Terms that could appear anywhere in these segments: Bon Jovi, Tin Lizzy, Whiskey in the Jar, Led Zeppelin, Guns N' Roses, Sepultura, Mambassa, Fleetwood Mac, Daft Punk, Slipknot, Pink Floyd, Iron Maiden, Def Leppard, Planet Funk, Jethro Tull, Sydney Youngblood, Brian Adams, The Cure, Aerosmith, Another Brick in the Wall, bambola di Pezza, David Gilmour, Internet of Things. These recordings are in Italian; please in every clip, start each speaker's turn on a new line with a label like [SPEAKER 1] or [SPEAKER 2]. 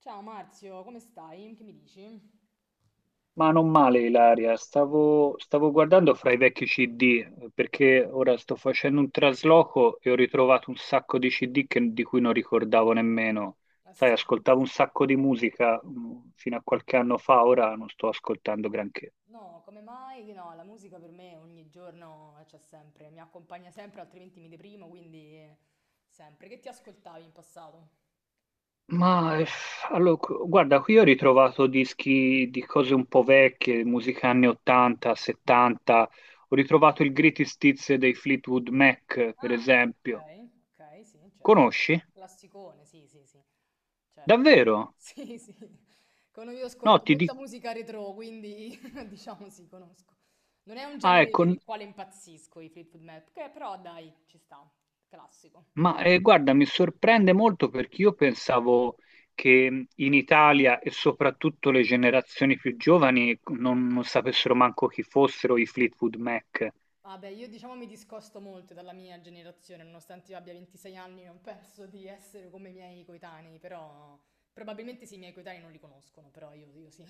[SPEAKER 1] Ciao Marzio, come stai? Che mi dici?
[SPEAKER 2] Ma non male, Ilaria. Stavo guardando fra i vecchi CD , perché ora sto facendo un trasloco e ho ritrovato un sacco di CD di cui non ricordavo nemmeno.
[SPEAKER 1] Ah
[SPEAKER 2] Sai,
[SPEAKER 1] sì?
[SPEAKER 2] ascoltavo un sacco di musica fino a qualche anno fa, ora non sto ascoltando granché.
[SPEAKER 1] No, come mai? Che No, la musica per me ogni giorno, c'è sempre, mi accompagna sempre, altrimenti mi deprimo, quindi sempre. Che ti ascoltavi in passato?
[SPEAKER 2] Ma, allora, guarda, qui ho ritrovato dischi di cose un po' vecchie, musica anni 80, 70. Ho ritrovato il Greatest Hits dei Fleetwood Mac, per
[SPEAKER 1] Ah,
[SPEAKER 2] esempio.
[SPEAKER 1] ok, ok, sì, certo.
[SPEAKER 2] Conosci?
[SPEAKER 1] Classicone, sì, sì, sì, certo.
[SPEAKER 2] Davvero?
[SPEAKER 1] Sì, sì. Io
[SPEAKER 2] No,
[SPEAKER 1] ascolto
[SPEAKER 2] ti
[SPEAKER 1] molta
[SPEAKER 2] dico,
[SPEAKER 1] musica retro, quindi diciamo sì, conosco. Non è un
[SPEAKER 2] ah,
[SPEAKER 1] genere
[SPEAKER 2] ecco,
[SPEAKER 1] per il quale impazzisco i Fleetwood Mac, che però dai, ci sta, classico.
[SPEAKER 2] ma, guarda, mi sorprende molto perché io pensavo che in Italia e soprattutto le generazioni più giovani non sapessero manco chi fossero i Fleetwood Mac.
[SPEAKER 1] Vabbè, io diciamo mi discosto molto dalla mia generazione, nonostante io abbia 26 anni, non penso di essere come i miei coetanei, però probabilmente sì, i miei coetanei non li conoscono, però io sì.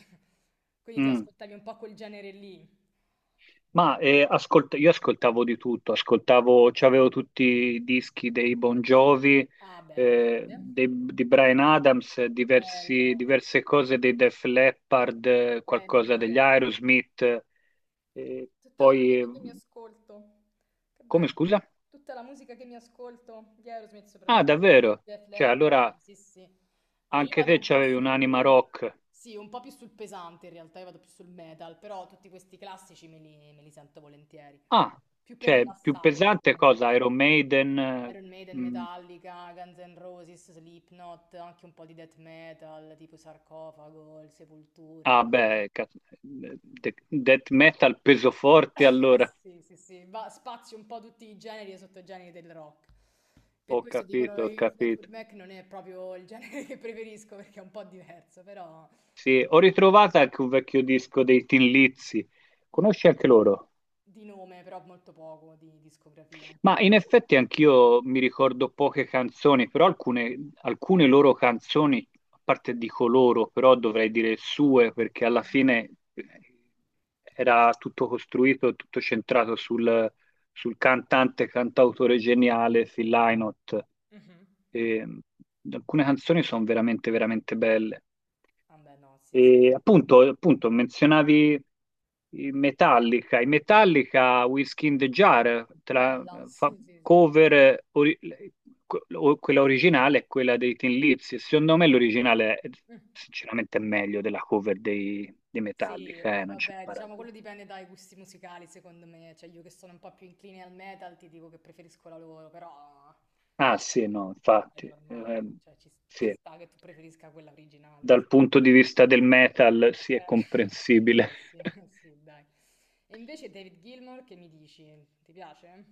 [SPEAKER 1] Quindi ti
[SPEAKER 2] Mm.
[SPEAKER 1] ascoltavi un po' quel genere lì.
[SPEAKER 2] Ma, io ascoltavo di tutto, ascoltavo, c'avevo tutti i dischi dei Bon Jovi,
[SPEAKER 1] Ah, beh, grande.
[SPEAKER 2] di Brian Adams,
[SPEAKER 1] Bello.
[SPEAKER 2] diverse cose dei Def Leppard,
[SPEAKER 1] Beh, li
[SPEAKER 2] qualcosa degli
[SPEAKER 1] adoro.
[SPEAKER 2] Aerosmith, eh,
[SPEAKER 1] Tutta la
[SPEAKER 2] poi.
[SPEAKER 1] musica che mi ascolto. Che
[SPEAKER 2] Come
[SPEAKER 1] bello.
[SPEAKER 2] scusa?
[SPEAKER 1] Tutta la musica che mi ascolto di Aerosmith
[SPEAKER 2] Ah,
[SPEAKER 1] soprattutto.
[SPEAKER 2] davvero?
[SPEAKER 1] Def
[SPEAKER 2] Cioè,
[SPEAKER 1] Leppard,
[SPEAKER 2] allora
[SPEAKER 1] sì, sì. Allora, io
[SPEAKER 2] anche
[SPEAKER 1] vado
[SPEAKER 2] te
[SPEAKER 1] un po'
[SPEAKER 2] c'avevi un'anima
[SPEAKER 1] su...
[SPEAKER 2] rock.
[SPEAKER 1] Sì, un po' più sul pesante in realtà, io vado più sul metal, però tutti questi classici me li sento volentieri.
[SPEAKER 2] Ah,
[SPEAKER 1] Più per
[SPEAKER 2] cioè, più
[SPEAKER 1] rilassarmi,
[SPEAKER 2] pesante
[SPEAKER 1] perché
[SPEAKER 2] cosa? Iron Maiden?
[SPEAKER 1] Iron Maiden,
[SPEAKER 2] Mm,
[SPEAKER 1] Metallica, Guns N' Roses, Slipknot, anche un po' di death metal, tipo Sarcofago, il Sepoltura.
[SPEAKER 2] ah, beh, cazzo, death metal peso forte allora.
[SPEAKER 1] Sì, sì, sì, va, spazi un po' tutti i generi e sottogeneri del rock. Per
[SPEAKER 2] Ho
[SPEAKER 1] questo dicono
[SPEAKER 2] capito, ho
[SPEAKER 1] i Fleetwood
[SPEAKER 2] capito.
[SPEAKER 1] Mac non è proprio il genere che preferisco perché è un po' diverso, però
[SPEAKER 2] Sì, ho ritrovato anche un vecchio disco dei Tin Lizzy.
[SPEAKER 1] mm,
[SPEAKER 2] Conosci anche loro?
[SPEAKER 1] di nome, però molto poco di discografia.
[SPEAKER 2] Ma in effetti anch'io mi ricordo poche canzoni, però alcune loro canzoni, a parte dico loro, però dovrei dire sue, perché alla
[SPEAKER 1] Mhm.
[SPEAKER 2] fine eh, era tutto costruito, tutto centrato sul cantante, cantautore geniale
[SPEAKER 1] Ok.
[SPEAKER 2] Phil Lynott.
[SPEAKER 1] Mhm.
[SPEAKER 2] E alcune canzoni sono veramente, veramente belle.
[SPEAKER 1] Vabbè, no, sì, sì.
[SPEAKER 2] E appunto, menzionavi i Metallica. I Metallica, Whiskey in the Jar,
[SPEAKER 1] Bella,
[SPEAKER 2] fa-
[SPEAKER 1] sì, sì, sì.
[SPEAKER 2] cover, quella originale e quella dei Thin Lips. E secondo me l'originale,
[SPEAKER 1] Mm.
[SPEAKER 2] sinceramente, è meglio della cover dei
[SPEAKER 1] Sì,
[SPEAKER 2] Metallica, non c'è
[SPEAKER 1] vabbè, diciamo quello
[SPEAKER 2] paragone.
[SPEAKER 1] dipende dai gusti musicali, secondo me. Cioè, io che sono un po' più incline al metal, ti dico che preferisco la loro, però
[SPEAKER 2] Ah sì, no,
[SPEAKER 1] è
[SPEAKER 2] infatti,
[SPEAKER 1] normale, cioè ci
[SPEAKER 2] sì,
[SPEAKER 1] sta che tu preferisca quella originale,
[SPEAKER 2] dal
[SPEAKER 1] onestamente.
[SPEAKER 2] punto di vista del metal, sì, è
[SPEAKER 1] Eh,
[SPEAKER 2] comprensibile.
[SPEAKER 1] sì, eh sì, dai. E invece David Gilmour, che mi dici? Ti piace?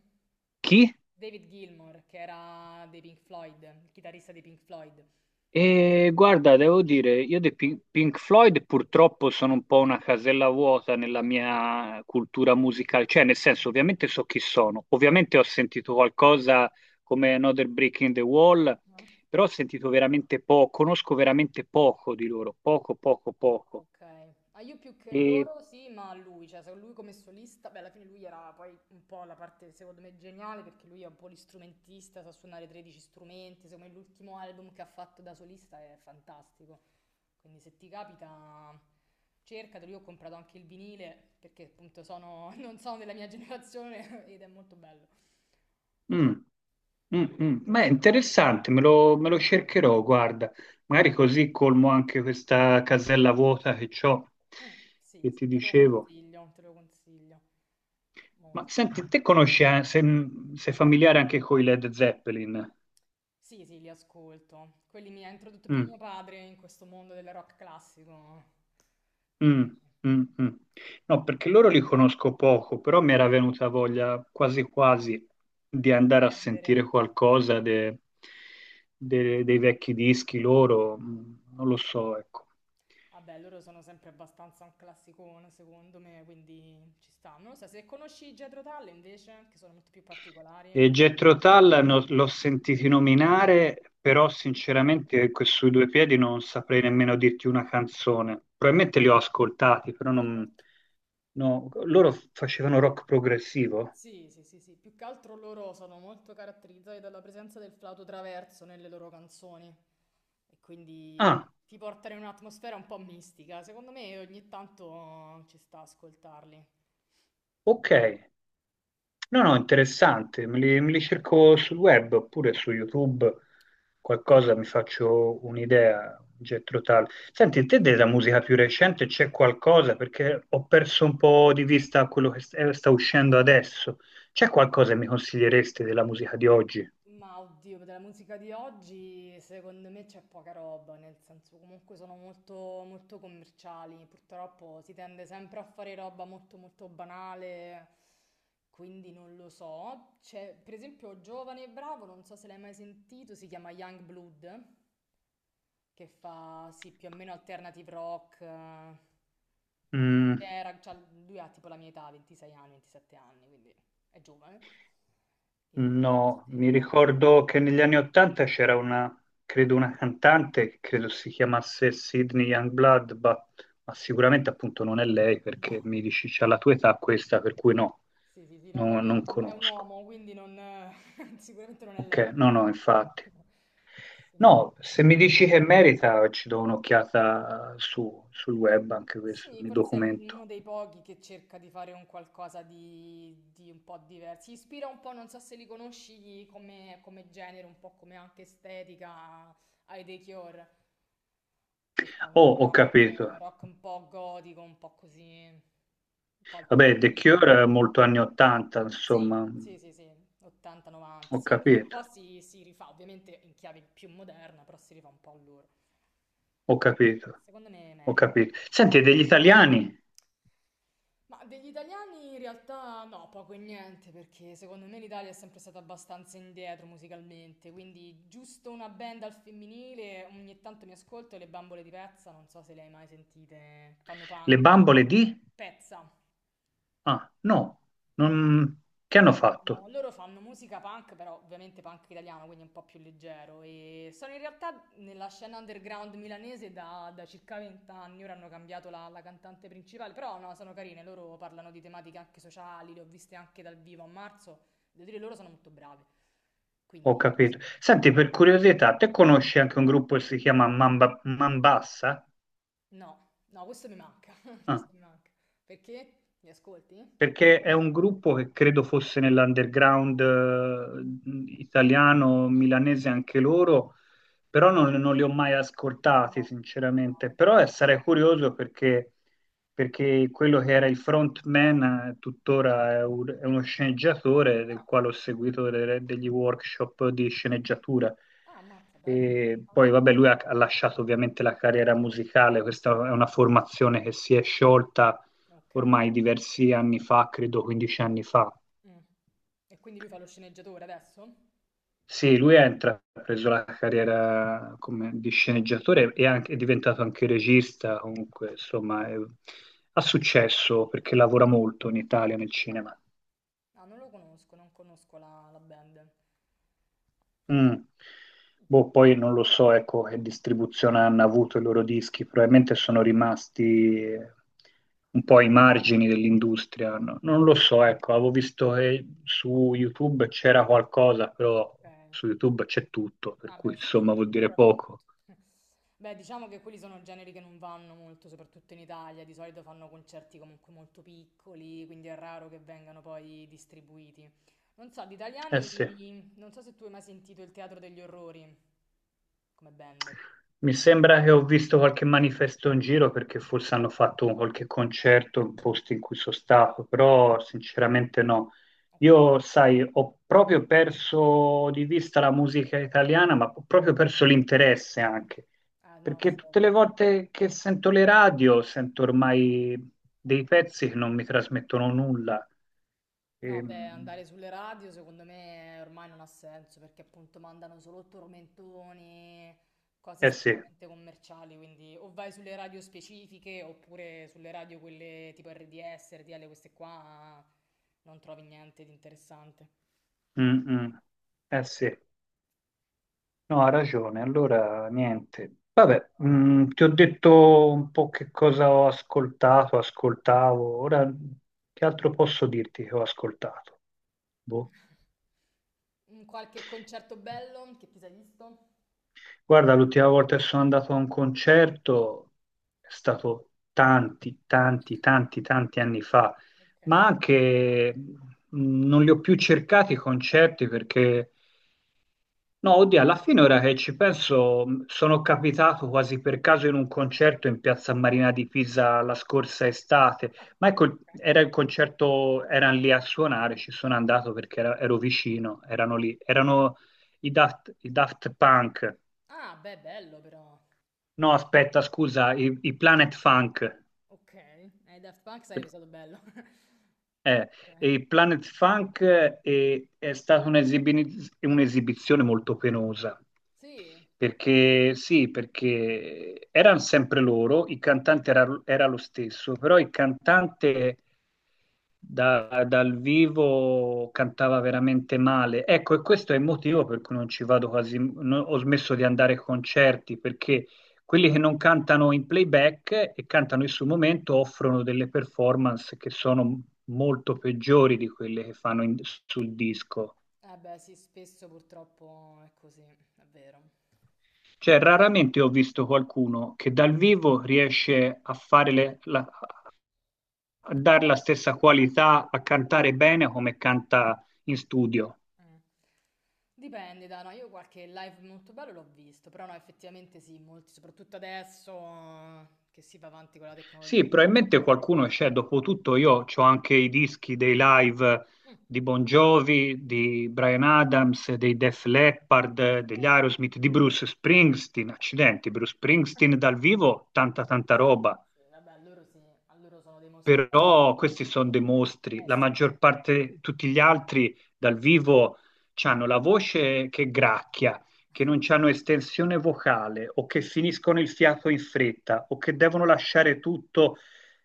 [SPEAKER 2] Chi?
[SPEAKER 1] David Gilmour, che era dei Pink Floyd, il chitarrista dei Pink Floyd.
[SPEAKER 2] E guarda, devo dire, io dei Pink Floyd purtroppo sono un po' una casella vuota nella
[SPEAKER 1] Mm,
[SPEAKER 2] mia cultura musicale, cioè nel senso ovviamente so chi sono, ovviamente ho sentito qualcosa come Another Brick in the Wall,
[SPEAKER 1] certo.
[SPEAKER 2] però ho sentito veramente poco, conosco veramente poco di loro, poco, poco, poco.
[SPEAKER 1] Ok, ah, io più che
[SPEAKER 2] E,
[SPEAKER 1] loro sì, ma a lui, cioè se lui come solista, beh alla fine lui era poi un po' la parte secondo me geniale perché lui è un po' l'istrumentista, sa suonare 13 strumenti, secondo me l'ultimo album che ha fatto da solista è fantastico, quindi se ti capita cercatelo, io ho comprato anche il vinile perché appunto sono, non sono della mia generazione ed è molto bello.
[SPEAKER 2] mm, mm. Beh, interessante, me lo cercherò, guarda, magari così colmo anche questa casella vuota che ho,
[SPEAKER 1] Mm, sì,
[SPEAKER 2] che
[SPEAKER 1] sì,
[SPEAKER 2] ti dicevo.
[SPEAKER 1] te lo consiglio
[SPEAKER 2] Ma
[SPEAKER 1] molto.
[SPEAKER 2] senti, te conosci, sei familiare anche con i Led Zeppelin?
[SPEAKER 1] Sì, sì, li ascolto. Quelli mi ha introdotto più
[SPEAKER 2] Mm,
[SPEAKER 1] mio padre in questo mondo del rock classico, quindi
[SPEAKER 2] mm, mm, mm. No, perché loro li conosco poco, però mi era venuta voglia quasi quasi di
[SPEAKER 1] di
[SPEAKER 2] andare a
[SPEAKER 1] prendere.
[SPEAKER 2] sentire qualcosa dei vecchi dischi loro, non lo so, ecco.
[SPEAKER 1] Vabbè, loro sono sempre abbastanza un classicone, secondo me, quindi ci sta. Non lo so, se conosci Jethro Tull invece, che sono molto più particolari,
[SPEAKER 2] E
[SPEAKER 1] come...
[SPEAKER 2] Jethro Tull l'ho sentito nominare, però sinceramente sui due piedi non saprei nemmeno dirti una
[SPEAKER 1] ok,
[SPEAKER 2] canzone. Probabilmente li ho ascoltati, però
[SPEAKER 1] certo.
[SPEAKER 2] non. No, loro facevano rock progressivo?
[SPEAKER 1] Sì, sì, sì, sì, più che altro loro sono molto caratterizzati dalla presenza del flauto traverso nelle loro canzoni e quindi
[SPEAKER 2] Ah,
[SPEAKER 1] ti portano in un'atmosfera un po' mistica. Secondo me ogni tanto ci sta a ascoltarli.
[SPEAKER 2] ok. No, no, interessante, me li cerco sul web oppure su YouTube, qualcosa mi faccio un'idea, un getto tale. Senti, te della musica più recente c'è qualcosa? Perché ho perso un po' di vista quello che sta uscendo adesso. C'è qualcosa che mi consiglieresti della musica di oggi?
[SPEAKER 1] Ma oddio, della musica di oggi secondo me c'è poca roba, nel senso comunque sono molto, molto commerciali, purtroppo si tende sempre a fare roba molto molto banale, quindi non lo so. C'è per esempio Giovane e Bravo, non so se l'hai mai sentito, si chiama Young Blood, che fa sì più o meno alternative rock, era- c'ha- lui ha tipo la mia età, 26 anni, 27 anni, quindi è giovane. E
[SPEAKER 2] No,
[SPEAKER 1] se
[SPEAKER 2] mi
[SPEAKER 1] no,
[SPEAKER 2] ricordo che negli anni Ottanta c'era una, credo una cantante, che credo si chiamasse Sydney Youngblood, ma sicuramente appunto non è lei
[SPEAKER 1] no.
[SPEAKER 2] perché mi dici c'ha la tua età questa, per cui no,
[SPEAKER 1] Sì, sì, sì, no, poi lui è
[SPEAKER 2] non
[SPEAKER 1] un, è un
[SPEAKER 2] conosco.
[SPEAKER 1] uomo, quindi non, sicuramente non è
[SPEAKER 2] Ok,
[SPEAKER 1] lei.
[SPEAKER 2] no, no, infatti.
[SPEAKER 1] Se no-
[SPEAKER 2] No, se mi dici che merita ci do un'occhiata sul web anche questo,
[SPEAKER 1] Sì,
[SPEAKER 2] mi
[SPEAKER 1] forse
[SPEAKER 2] documento.
[SPEAKER 1] uno dei pochi che cerca di fare un qualcosa di, un po' diverso. Si ispira un po', non so se li conosci come genere, un po' come anche estetica ai The Cure, che fanno
[SPEAKER 2] Oh, ho
[SPEAKER 1] rock,
[SPEAKER 2] capito.
[SPEAKER 1] rock un po' gotico, un po' così, un po'
[SPEAKER 2] Vabbè, The
[SPEAKER 1] alternativo.
[SPEAKER 2] Cure è molto anni 80,
[SPEAKER 1] Sì,
[SPEAKER 2] insomma,
[SPEAKER 1] sì, sì, sì, 80-90.
[SPEAKER 2] ho
[SPEAKER 1] Sì, lui un
[SPEAKER 2] capito,
[SPEAKER 1] po' si rifà, ovviamente in chiave più moderna, però si rifà un po' a loro.
[SPEAKER 2] ho capito.
[SPEAKER 1] Secondo me
[SPEAKER 2] Ho
[SPEAKER 1] merita.
[SPEAKER 2] capito. Senti, e degli italiani,
[SPEAKER 1] Ma degli italiani in realtà no, poco e niente, perché secondo me l'Italia è sempre stata abbastanza indietro musicalmente, quindi giusto una band al femminile, ogni tanto mi ascolto le bambole di Pezza, non so se le hai mai sentite, fanno
[SPEAKER 2] le
[SPEAKER 1] punk,
[SPEAKER 2] bambole
[SPEAKER 1] italiano.
[SPEAKER 2] di?
[SPEAKER 1] Pezza.
[SPEAKER 2] Ah, no, non... che hanno fatto?
[SPEAKER 1] Loro fanno musica punk, però ovviamente punk italiano, quindi un po' più leggero. E sono in realtà nella scena underground milanese da circa 20 anni. Ora hanno cambiato la cantante principale, però no, sono carine. Loro parlano di tematiche anche sociali, le ho viste anche dal vivo a marzo. Devo dire, loro sono molto brave.
[SPEAKER 2] Ho
[SPEAKER 1] Quindi,
[SPEAKER 2] capito. Senti, per curiosità, te conosci anche un gruppo che si chiama Mambassa?
[SPEAKER 1] no, no, questo mi manca.
[SPEAKER 2] Ah,
[SPEAKER 1] Questo mi manca. Perché? Li ascolti?
[SPEAKER 2] perché è un gruppo che credo fosse nell'underground italiano, milanese anche loro, però non li ho mai
[SPEAKER 1] Mm.
[SPEAKER 2] ascoltati,
[SPEAKER 1] No, no,
[SPEAKER 2] sinceramente.
[SPEAKER 1] non li
[SPEAKER 2] Però
[SPEAKER 1] conosco.
[SPEAKER 2] sarei curioso perché, perché quello che era il frontman tuttora è
[SPEAKER 1] Mm.
[SPEAKER 2] uno sceneggiatore del
[SPEAKER 1] Ah,
[SPEAKER 2] quale ho seguito delle- degli workshop di sceneggiatura.
[SPEAKER 1] ah, ammazza, bello.
[SPEAKER 2] E
[SPEAKER 1] Ah,
[SPEAKER 2] poi,
[SPEAKER 1] no.
[SPEAKER 2] vabbè, lui ha lasciato ovviamente la carriera musicale, questa è
[SPEAKER 1] Mm,
[SPEAKER 2] una formazione che si è sciolta
[SPEAKER 1] ok.
[SPEAKER 2] ormai diversi anni fa, credo 15 anni fa.
[SPEAKER 1] Mm. E quindi lui fa lo sceneggiatore adesso?
[SPEAKER 2] Sì, lui ha intrapreso la carriera come, di sceneggiatore e è diventato anche regista, comunque, insomma, ha successo perché lavora molto in Italia nel
[SPEAKER 1] Ok.
[SPEAKER 2] cinema.
[SPEAKER 1] Ah, non lo conosco, non conosco la band.
[SPEAKER 2] Mm. Boh, poi non lo so, ecco, che distribuzione hanno avuto i loro dischi, probabilmente sono rimasti un po' ai margini dell'industria, no? Non lo so, ecco, avevo visto che su YouTube c'era qualcosa, però
[SPEAKER 1] Ok.
[SPEAKER 2] su YouTube c'è tutto, per
[SPEAKER 1] Ah,
[SPEAKER 2] cui
[SPEAKER 1] beh, sì. Su
[SPEAKER 2] insomma vuol
[SPEAKER 1] YouTube
[SPEAKER 2] dire
[SPEAKER 1] trovi tutto.
[SPEAKER 2] poco.
[SPEAKER 1] Beh, diciamo che quelli sono generi che non vanno molto, soprattutto in Italia. Di solito fanno concerti comunque molto piccoli, quindi è raro che vengano poi distribuiti. Non so, di
[SPEAKER 2] Eh sì.
[SPEAKER 1] italiani, non so se tu hai mai sentito il Teatro degli Orrori come band.
[SPEAKER 2] Mi sembra che ho visto qualche manifesto in giro perché
[SPEAKER 1] Ok.
[SPEAKER 2] forse hanno fatto qualche concerto in posti in cui sono stato, però sinceramente no.
[SPEAKER 1] Ok.
[SPEAKER 2] Io, sai, ho proprio perso di vista la musica italiana, ma ho proprio perso l'interesse anche,
[SPEAKER 1] Ah, no,
[SPEAKER 2] perché
[SPEAKER 1] sì, è
[SPEAKER 2] tutte le
[SPEAKER 1] vero.
[SPEAKER 2] volte che sento le radio sento ormai dei pezzi che non mi trasmettono nulla.
[SPEAKER 1] No, beh,
[SPEAKER 2] Ehm,
[SPEAKER 1] andare sulle radio secondo me ormai non ha senso perché appunto mandano solo tormentoni, cose
[SPEAKER 2] eh sì.
[SPEAKER 1] estremamente commerciali, quindi o vai sulle radio specifiche oppure sulle radio quelle tipo RDS, RTL, queste qua non trovi niente di interessante.
[SPEAKER 2] Mm, mm. Eh sì. No, ha ragione, allora niente. Vabbè, ti ho detto un po' che cosa ho ascoltato, ascoltavo, ora che altro posso dirti che ho ascoltato? Boh.
[SPEAKER 1] Mm, qualche concerto bello che ti sei visto?
[SPEAKER 2] Guarda, l'ultima volta che sono andato a un concerto è stato tanti, tanti, tanti, tanti anni fa,
[SPEAKER 1] Ok.
[SPEAKER 2] ma anche non li ho più cercati i concerti perché no, oddio, alla fine ora che ci penso, sono capitato quasi per caso in un concerto in Piazza Marina di Pisa la scorsa estate,
[SPEAKER 1] Ah,
[SPEAKER 2] ma ecco,
[SPEAKER 1] ok.
[SPEAKER 2] era il concerto, erano lì a suonare, ci
[SPEAKER 1] Mm.
[SPEAKER 2] sono andato perché ero vicino, erano lì, erano i Daft Punk,
[SPEAKER 1] Ah, beh, bello però.
[SPEAKER 2] no aspetta, scusa, i Planet Funk.
[SPEAKER 1] Ok, ai Daft Punk sarebbe stato bello.
[SPEAKER 2] Eh,
[SPEAKER 1] Ok.
[SPEAKER 2] e il Planet Funk è stata un'esibizione molto penosa,
[SPEAKER 1] Sì.
[SPEAKER 2] perché sì, perché erano sempre loro, il cantante era, era lo stesso, però il cantante dal vivo cantava veramente male. Ecco, e questo è il motivo per cui non ci vado quasi, ho smesso di andare ai concerti, perché quelli che non cantano in playback e cantano in sul momento offrono delle performance che sono molto peggiori di quelle che fanno sul disco.
[SPEAKER 1] Eh beh, sì, spesso purtroppo è così, è vero.
[SPEAKER 2] Cioè, raramente ho visto qualcuno che dal vivo riesce a fare a dare la stessa qualità, a cantare bene come canta in studio.
[SPEAKER 1] Mm. Dipende, da no, io qualche live molto bello l'ho visto, però no, effettivamente sì, molti, soprattutto adesso che si va avanti con la tecnologia,
[SPEAKER 2] Sì,
[SPEAKER 1] eccetera.
[SPEAKER 2] probabilmente qualcuno c'è, dopotutto
[SPEAKER 1] Eh,
[SPEAKER 2] io ho anche i dischi dei live
[SPEAKER 1] mm,
[SPEAKER 2] di Bon Jovi, di Brian Adams, dei Def Leppard, degli
[SPEAKER 1] bello,
[SPEAKER 2] Aerosmith, di Bruce Springsteen, accidenti, Bruce Springsteen dal vivo, tanta tanta
[SPEAKER 1] grazie.
[SPEAKER 2] roba.
[SPEAKER 1] Sì, vabbè, loro sì, a loro sono dei mostri veri.
[SPEAKER 2] Però questi sono dei mostri,
[SPEAKER 1] Eh
[SPEAKER 2] la
[SPEAKER 1] sì,
[SPEAKER 2] maggior parte, tutti gli altri dal vivo hanno la voce che gracchia, che non hanno estensione vocale o che finiscono il fiato in fretta o che devono lasciare tutto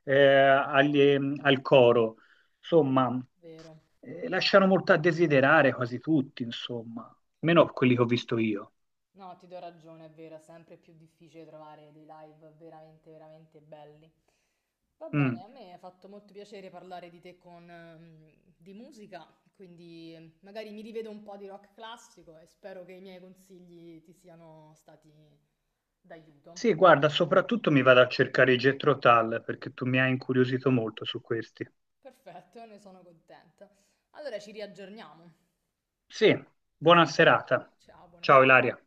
[SPEAKER 2] al coro. Insomma,
[SPEAKER 1] vero.
[SPEAKER 2] lasciano molto a desiderare quasi tutti, insomma, meno quelli che ho visto io.
[SPEAKER 1] No, ti do ragione, è vero, è sempre più difficile trovare dei live veramente, veramente belli. Va bene,
[SPEAKER 2] Mm.
[SPEAKER 1] a me ha fatto molto piacere parlare di te con, di musica, quindi magari mi rivedo un po' di rock classico e spero che i miei consigli ti siano stati d'aiuto.
[SPEAKER 2] Sì, guarda, soprattutto mi vado a cercare i Jethro Tull perché tu mi hai incuriosito molto su questi.
[SPEAKER 1] Perfetto, ne sono contenta. Allora ci riaggiorniamo.
[SPEAKER 2] Sì,
[SPEAKER 1] Perf-
[SPEAKER 2] buona serata.
[SPEAKER 1] Ciao, buona
[SPEAKER 2] Ciao
[SPEAKER 1] serata.
[SPEAKER 2] Ilaria.